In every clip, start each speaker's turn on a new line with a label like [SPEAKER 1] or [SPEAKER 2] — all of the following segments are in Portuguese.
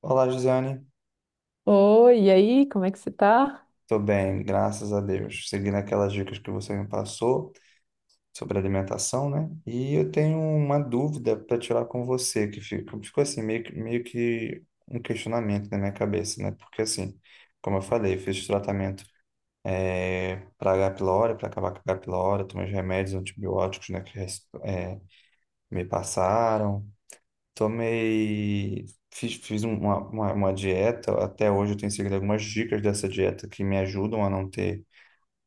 [SPEAKER 1] Olá, Josiane.
[SPEAKER 2] Oi, e aí, como é que você tá?
[SPEAKER 1] Tô bem, graças a Deus. Seguindo aquelas dicas que você me passou sobre alimentação, né? E eu tenho uma dúvida para tirar com você, que ficou assim, meio que um questionamento na minha cabeça, né? Porque assim, como eu falei, eu fiz tratamento para H. pylori, para acabar com a H. pylori, tomei os remédios antibióticos, né, me passaram. Tomei, fiz uma dieta, até hoje eu tenho seguido algumas dicas dessa dieta que me ajudam a não ter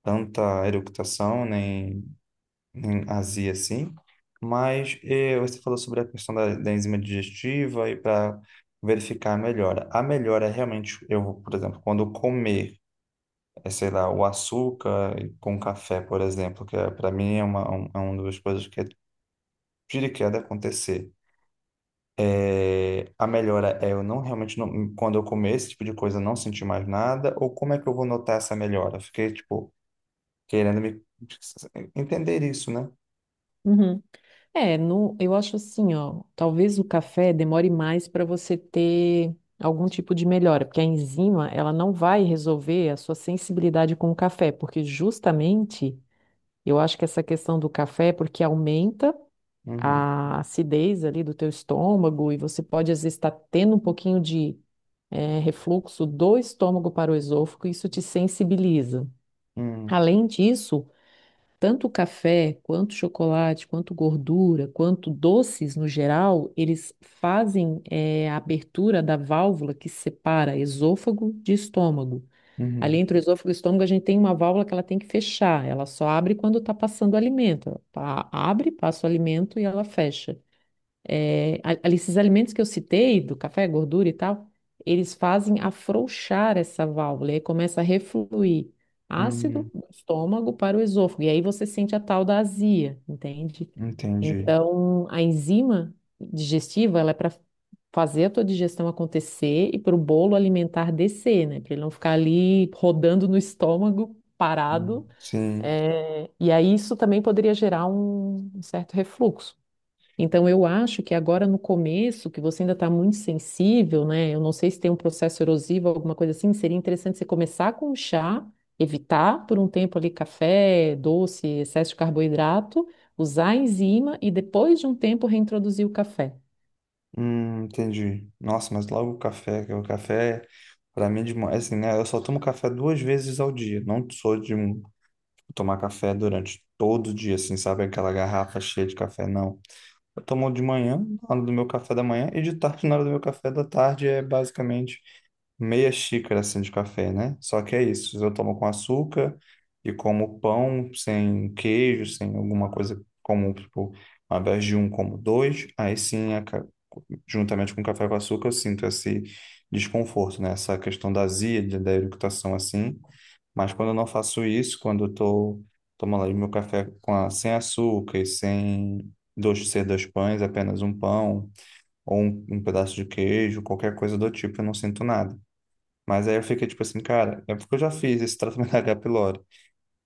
[SPEAKER 1] tanta eructação nem azia assim. Mas você falou sobre a questão da enzima digestiva e para verificar a melhora. A melhora é realmente, eu, vou, por exemplo, quando eu comer, sei lá, o açúcar com café, por exemplo, que é, para mim é uma das coisas que é tira e queda acontecer. É, a melhora é eu não realmente não, quando eu comer esse tipo de coisa eu não sentir mais nada, ou como é que eu vou notar essa melhora? Fiquei tipo querendo me entender isso, né?
[SPEAKER 2] Uhum. É, no, eu acho assim, ó, talvez o café demore mais para você ter algum tipo de melhora, porque a enzima, ela não vai resolver a sua sensibilidade com o café, porque justamente eu acho que essa questão do café é porque aumenta
[SPEAKER 1] Uhum,
[SPEAKER 2] a acidez ali do teu estômago e você pode às vezes estar tendo um pouquinho de refluxo do estômago para o esôfago, e isso te sensibiliza.
[SPEAKER 1] uhum,
[SPEAKER 2] Além disso, tanto o café, quanto o chocolate, quanto gordura, quanto doces no geral, eles fazem a abertura da válvula que separa esôfago de estômago. Ali
[SPEAKER 1] uhum,
[SPEAKER 2] entre o esôfago e o estômago, a gente tem uma válvula que ela tem que fechar. Ela só abre quando está passando o alimento. Abre, passa o alimento e ela fecha. É, ali esses alimentos que eu citei, do café, gordura e tal, eles fazem afrouxar essa válvula, e aí começa a refluir ácido
[SPEAKER 1] uhum,
[SPEAKER 2] do estômago para o esôfago, e aí você sente a tal da azia, entende?
[SPEAKER 1] entendi.
[SPEAKER 2] Então, a enzima digestiva, ela é para fazer a tua digestão acontecer e para o bolo alimentar descer, né? Para ele não ficar ali rodando no estômago, parado.
[SPEAKER 1] Sim,
[SPEAKER 2] É, e aí isso também poderia gerar um certo refluxo. Então, eu acho que agora no começo, que você ainda está muito sensível, né? Eu não sei se tem um processo erosivo, alguma coisa assim, seria interessante você começar com o chá, evitar por um tempo ali café, doce, excesso de carboidrato, usar a enzima e depois de um tempo reintroduzir o café.
[SPEAKER 1] entendi. Nossa, mas logo o café, que o café para mim de manhã, assim, né? Eu só tomo café duas vezes ao dia. Não sou de tomar café durante todo o dia, assim, sabe? Aquela garrafa cheia de café, não. Eu tomo de manhã, na hora do meu café da manhã, e de tarde, na hora do meu café da tarde, é basicamente meia xícara assim de café, né? Só que é isso, eu tomo com açúcar e como pão sem queijo, sem alguma coisa comum, tipo, ao invés de um, como dois, aí sim, juntamente com o café com açúcar, eu sinto esse desconforto, né? Essa questão da azia, da eructação assim. Mas quando eu não faço isso, quando eu tô tomando ali meu café sem açúcar e sem dois, ser dois pães, apenas um pão ou um pedaço de queijo, qualquer coisa do tipo, eu não sinto nada. Mas aí eu fiquei tipo assim, cara, é porque eu já fiz esse tratamento da H. pylori.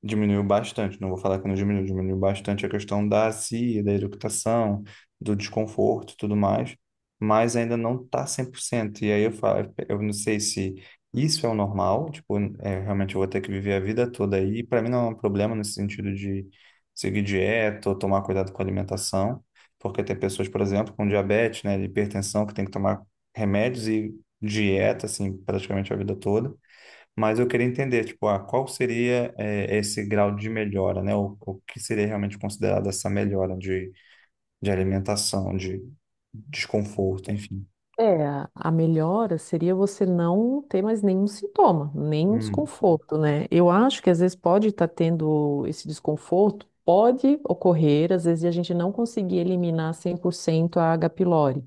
[SPEAKER 1] Diminuiu bastante, não vou falar que não diminuiu, diminuiu bastante a questão da CIA, da eructação, do desconforto e tudo mais, mas ainda não está 100%. E aí eu falo, eu não sei se isso é o normal, tipo, é, realmente eu vou ter que viver a vida toda aí. Para mim não é um problema nesse sentido de seguir dieta ou tomar cuidado com a alimentação, porque tem pessoas, por exemplo, com diabetes, né, hipertensão, que tem que tomar remédios e dieta, assim, praticamente a vida toda. Mas eu queria entender, tipo, ah, qual seria esse grau de melhora, né? O que seria realmente considerado essa melhora de alimentação, de desconforto, enfim.
[SPEAKER 2] É, a melhora seria você não ter mais nenhum sintoma, nenhum
[SPEAKER 1] Hum,
[SPEAKER 2] desconforto, né? Eu acho que às vezes pode estar tendo esse desconforto, pode ocorrer, às vezes, de a gente não conseguir eliminar 100% a H. pylori.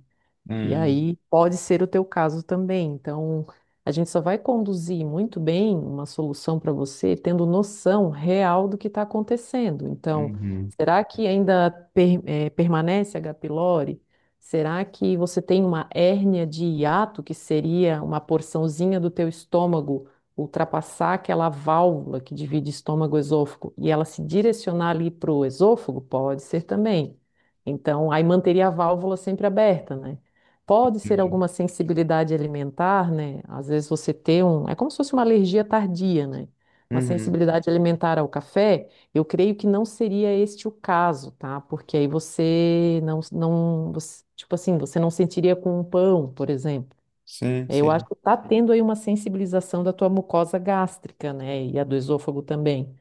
[SPEAKER 2] E
[SPEAKER 1] hum,
[SPEAKER 2] aí pode ser o teu caso também. Então, a gente só vai conduzir muito bem uma solução para você tendo noção real do que está acontecendo. Então,
[SPEAKER 1] uhum,
[SPEAKER 2] será que ainda per- eh, permanece H. pylori? Será que você tem uma hérnia de hiato, que seria uma porçãozinha do teu estômago ultrapassar aquela válvula que divide estômago-esôfago e ela se direcionar ali para o esôfago? Pode ser também. Então, aí manteria a válvula sempre aberta, né? Pode ser
[SPEAKER 1] entendi.
[SPEAKER 2] alguma sensibilidade alimentar, né? Às vezes você tem um. É como se fosse uma alergia tardia, né? Uma
[SPEAKER 1] Uhum,
[SPEAKER 2] sensibilidade alimentar ao café, eu creio que não seria este o caso, tá? Porque aí você não, não, você- tipo assim, você não sentiria com um pão, por exemplo.
[SPEAKER 1] sim,
[SPEAKER 2] É, eu acho
[SPEAKER 1] sim.
[SPEAKER 2] que está tendo aí uma sensibilização da tua mucosa gástrica, né? E a do esôfago também.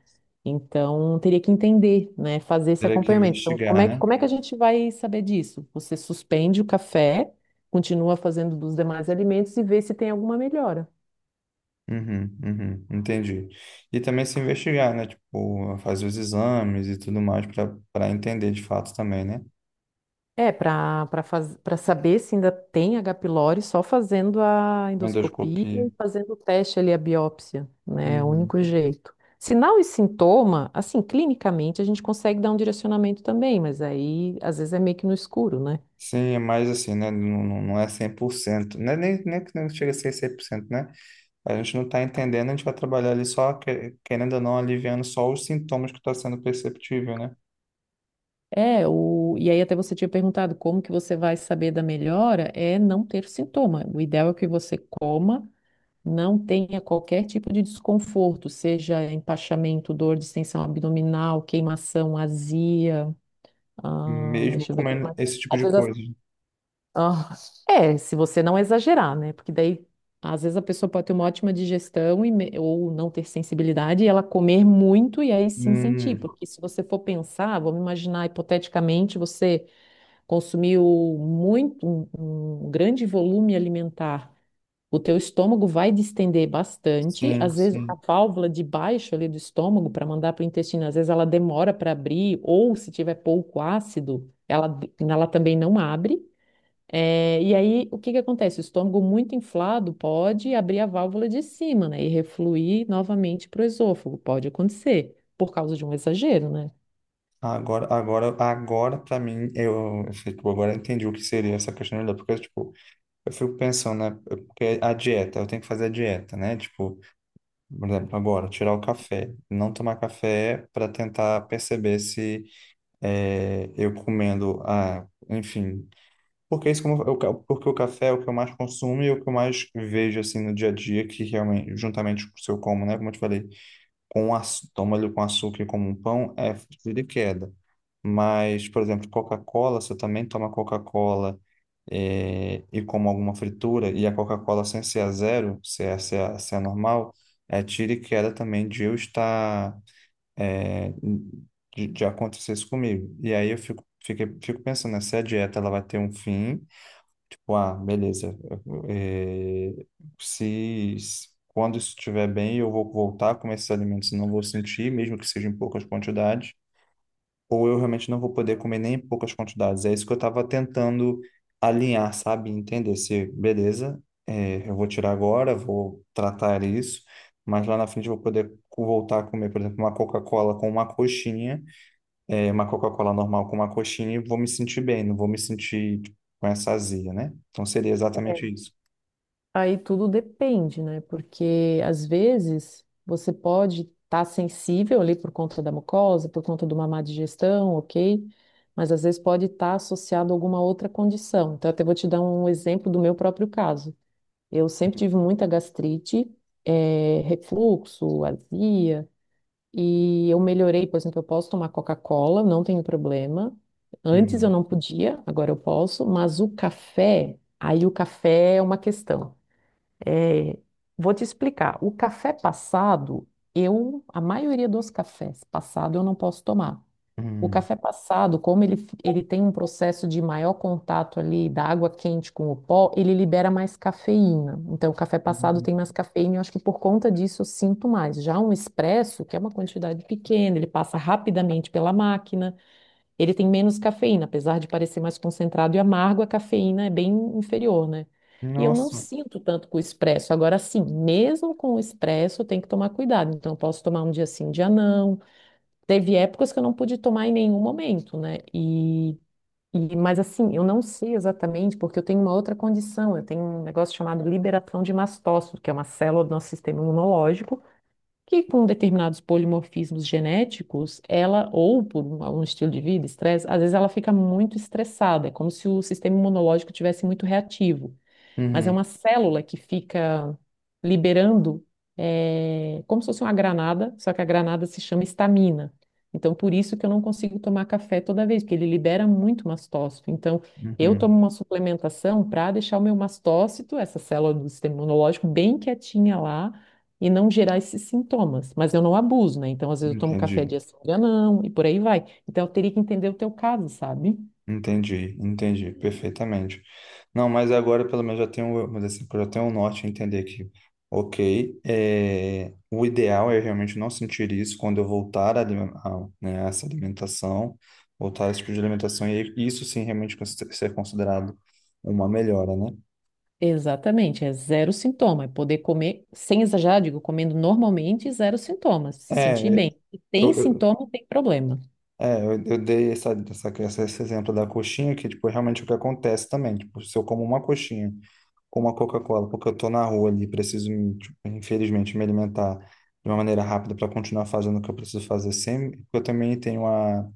[SPEAKER 2] Então, teria que entender, né? Fazer esse
[SPEAKER 1] Teria que
[SPEAKER 2] acompanhamento. Então,
[SPEAKER 1] investigar, né?
[SPEAKER 2] como é que a gente vai saber disso? Você suspende o café, continua fazendo dos demais alimentos e vê se tem alguma melhora.
[SPEAKER 1] Uhum, uhum, entendi. E também se investigar, né? Tipo, fazer os exames e tudo mais para entender de fato também, né?
[SPEAKER 2] É, para saber se ainda tem H. pylori, só fazendo a endoscopia
[SPEAKER 1] Endoscopia.
[SPEAKER 2] e fazendo o teste ali, a biópsia, né? É o
[SPEAKER 1] Uhum.
[SPEAKER 2] único jeito. Sinal e sintoma, assim, clinicamente a gente consegue dar um direcionamento também, mas aí às vezes é meio que no escuro, né?
[SPEAKER 1] Sim, é mais assim, né? Não, não não é 100%. Não é nem, nem que não chega a ser 100% né? A gente não está entendendo, a gente vai trabalhar ali só, querendo ou não, aliviando só os sintomas que está sendo perceptível, né?
[SPEAKER 2] E aí até você tinha perguntado como que você vai saber da melhora, é não ter sintoma. O ideal é que você coma, não tenha qualquer tipo de desconforto, seja empachamento, dor, distensão abdominal, queimação, azia. Ah,
[SPEAKER 1] Mesmo
[SPEAKER 2] deixa eu ver o que
[SPEAKER 1] comendo
[SPEAKER 2] mais.
[SPEAKER 1] esse tipo
[SPEAKER 2] Às
[SPEAKER 1] de
[SPEAKER 2] vezes, as-
[SPEAKER 1] coisa.
[SPEAKER 2] ah, é, se você não exagerar, né? Porque daí, às vezes, a pessoa pode ter uma ótima digestão ou não ter sensibilidade e ela comer muito e aí sim sentir.
[SPEAKER 1] Hum,
[SPEAKER 2] Porque se você for pensar, vamos imaginar hipoteticamente, você consumiu muito, um, um grande volume alimentar, o teu estômago vai distender bastante,
[SPEAKER 1] sim,
[SPEAKER 2] às vezes a
[SPEAKER 1] sim.
[SPEAKER 2] válvula de baixo ali do estômago para mandar para o intestino, às vezes ela demora para abrir, ou se tiver pouco ácido, ela também não abre. É, e aí o que que acontece? O estômago muito inflado pode abrir a válvula de cima, né, e refluir novamente para o esôfago, pode acontecer, por causa de um exagero, né?
[SPEAKER 1] Agora para mim, eu, tipo, agora eu entendi o que seria essa questão da porque, tipo, eu fico pensando, né? Porque a dieta, eu tenho que fazer a dieta, né? Tipo, por exemplo, agora, tirar o café. Não tomar café para tentar perceber se é, eu comendo, ah, enfim. Porque isso porque o café é o que eu mais consumo e é o que eu mais vejo assim no dia a dia, que realmente, juntamente com o seu como, né? Como eu te falei, toma ele com açúcar e como um pão, é de queda. Mas, por exemplo, Coca-Cola, se eu também tomar Coca-Cola e como alguma fritura, e a Coca-Cola sem ser a zero, se é normal, é tira e queda também de eu estar, eh, de acontecer isso comigo. E aí eu fico pensando, né, se a dieta ela vai ter um fim, tipo, ah, beleza, eh, quando isso estiver bem, eu vou voltar a comer esses alimentos, não vou sentir, mesmo que seja em poucas quantidades, ou eu realmente não vou poder comer nem em poucas quantidades. É isso que eu estava tentando alinhar, sabe? Entender se, beleza, é, eu vou tirar agora, vou tratar isso, mas lá na frente eu vou poder voltar a comer, por exemplo, uma Coca-Cola com uma coxinha, é, uma Coca-Cola normal com uma coxinha e vou me sentir bem, não vou me sentir tipo, com essa azia, né? Então seria exatamente isso.
[SPEAKER 2] Aí tudo depende, né? Porque às vezes você pode estar sensível ali por conta da mucosa, por conta de uma má digestão, ok? Mas às vezes pode estar associado a alguma outra condição. Então, eu até vou te dar um exemplo do meu próprio caso. Eu sempre tive muita gastrite, refluxo, azia, e eu melhorei, por exemplo, eu posso tomar Coca-Cola, não tenho problema. Antes eu
[SPEAKER 1] Uhum.
[SPEAKER 2] não podia, agora eu posso, mas o café, aí o café é uma questão. É, vou te explicar. O café passado, eu, A maioria dos cafés passado eu não posso tomar. O
[SPEAKER 1] Uhum.
[SPEAKER 2] café passado, como ele tem um processo de maior contato ali da água quente com o pó, ele libera mais cafeína. Então, o café passado
[SPEAKER 1] Uhum.
[SPEAKER 2] tem mais cafeína e eu acho que por conta disso eu sinto mais. Já um expresso, que é uma quantidade pequena, ele passa rapidamente pela máquina. Ele tem menos cafeína, apesar de parecer mais concentrado e amargo, a cafeína é bem inferior, né? E eu não
[SPEAKER 1] Nossa.
[SPEAKER 2] sinto tanto com o expresso. Agora, sim, mesmo com o expresso, eu tenho que tomar cuidado. Então, eu posso tomar um dia sim, um dia não. Teve épocas que eu não pude tomar em nenhum momento, né? E mas assim, eu não sei exatamente, porque eu tenho uma outra condição. Eu tenho um negócio chamado liberação de mastócito, que é uma célula do nosso sistema imunológico que com determinados polimorfismos genéticos, ela, ou um estilo de vida, estresse, às vezes ela fica muito estressada, é como se o sistema imunológico tivesse muito reativo, mas é
[SPEAKER 1] Uhum.
[SPEAKER 2] uma célula que fica liberando, é, como se fosse uma granada, só que a granada se chama estamina. Então, por isso que eu não consigo tomar café toda vez, porque ele libera muito mastócito. Então, eu
[SPEAKER 1] Uhum.
[SPEAKER 2] tomo uma suplementação para deixar o meu mastócito, essa célula do sistema imunológico, bem quietinha lá e não gerar esses sintomas. Mas eu não abuso, né? Então, às vezes eu tomo café
[SPEAKER 1] Entendi.
[SPEAKER 2] dia sim, dia não, e por aí vai. Então, eu teria que entender o teu caso, sabe?
[SPEAKER 1] Entendi, entendi perfeitamente. Não, mas agora pelo menos já tenho, mas assim, já tenho um norte a entender que, ok, é, o ideal é realmente não sentir isso quando eu voltar a, a, né, a essa alimentação, voltar a esse tipo de alimentação, e isso sim realmente ser considerado uma melhora, né?
[SPEAKER 2] Exatamente, é zero sintoma. É poder comer, sem exagerar, digo, comendo normalmente, zero sintomas, se sentir
[SPEAKER 1] É,
[SPEAKER 2] bem. Se
[SPEAKER 1] eu,
[SPEAKER 2] tem
[SPEAKER 1] eu-
[SPEAKER 2] sintoma, tem problema.
[SPEAKER 1] é, eu dei esse exemplo da coxinha, que tipo, é realmente é o que acontece também, tipo, se eu como uma coxinha com uma Coca-Cola, porque eu tô na rua ali, preciso, me, tipo, infelizmente, me alimentar de uma maneira rápida para continuar fazendo o que eu preciso fazer sempre, porque eu também tenho a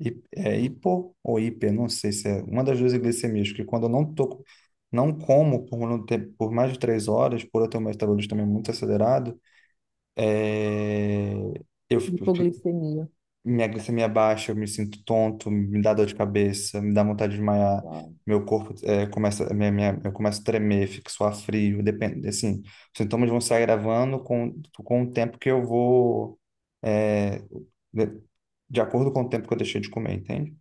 [SPEAKER 1] hipo ou hiper, não sei se é uma das duas glicemias, que quando eu não como por mais de 3 horas, por eu ter um metabolismo também muito acelerado, é, eu
[SPEAKER 2] Hipoglicemia.
[SPEAKER 1] minha glicemia baixa, eu me sinto tonto, me dá dor de cabeça, me dá vontade de desmaiar,
[SPEAKER 2] Uau.
[SPEAKER 1] meu corpo começa, eu começo a tremer, fico suar frio, depende, assim, os sintomas vão se agravando com o tempo que eu vou, eh, de, de acordo com o tempo que eu deixei de comer, entende?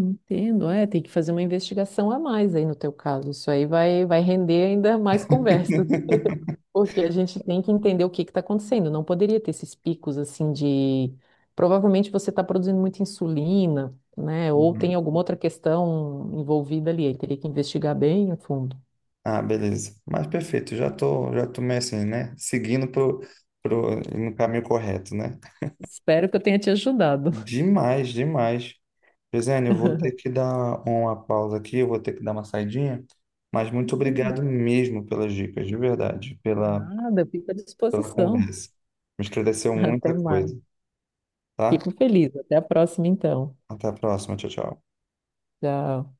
[SPEAKER 2] Entendo, é, tem que fazer uma investigação a mais aí no teu caso. Isso vai render ainda mais conversa, porque a gente tem que entender o que está acontecendo. Não poderia ter esses picos assim de. Provavelmente você está produzindo muita insulina, né? Ou tem
[SPEAKER 1] Uhum.
[SPEAKER 2] alguma outra questão envolvida ali. Aí teria que investigar bem a fundo.
[SPEAKER 1] Ah, beleza. Mas perfeito, já tô meio assim, né? Seguindo no caminho correto, né?
[SPEAKER 2] Espero que eu tenha te ajudado.
[SPEAKER 1] Demais, demais. Gisele, eu vou ter que dar uma pausa aqui, eu vou ter que dar uma saidinha, mas muito
[SPEAKER 2] Tranquilo.
[SPEAKER 1] obrigado mesmo pelas dicas, de verdade, pela,
[SPEAKER 2] Nada, eu fico à
[SPEAKER 1] pela
[SPEAKER 2] disposição.
[SPEAKER 1] conversa. Me esclareceu
[SPEAKER 2] Até
[SPEAKER 1] muita
[SPEAKER 2] mais.
[SPEAKER 1] coisa, tá?
[SPEAKER 2] Fico feliz. Até a próxima, então.
[SPEAKER 1] Até a próxima, tchau, tchau.
[SPEAKER 2] Tchau.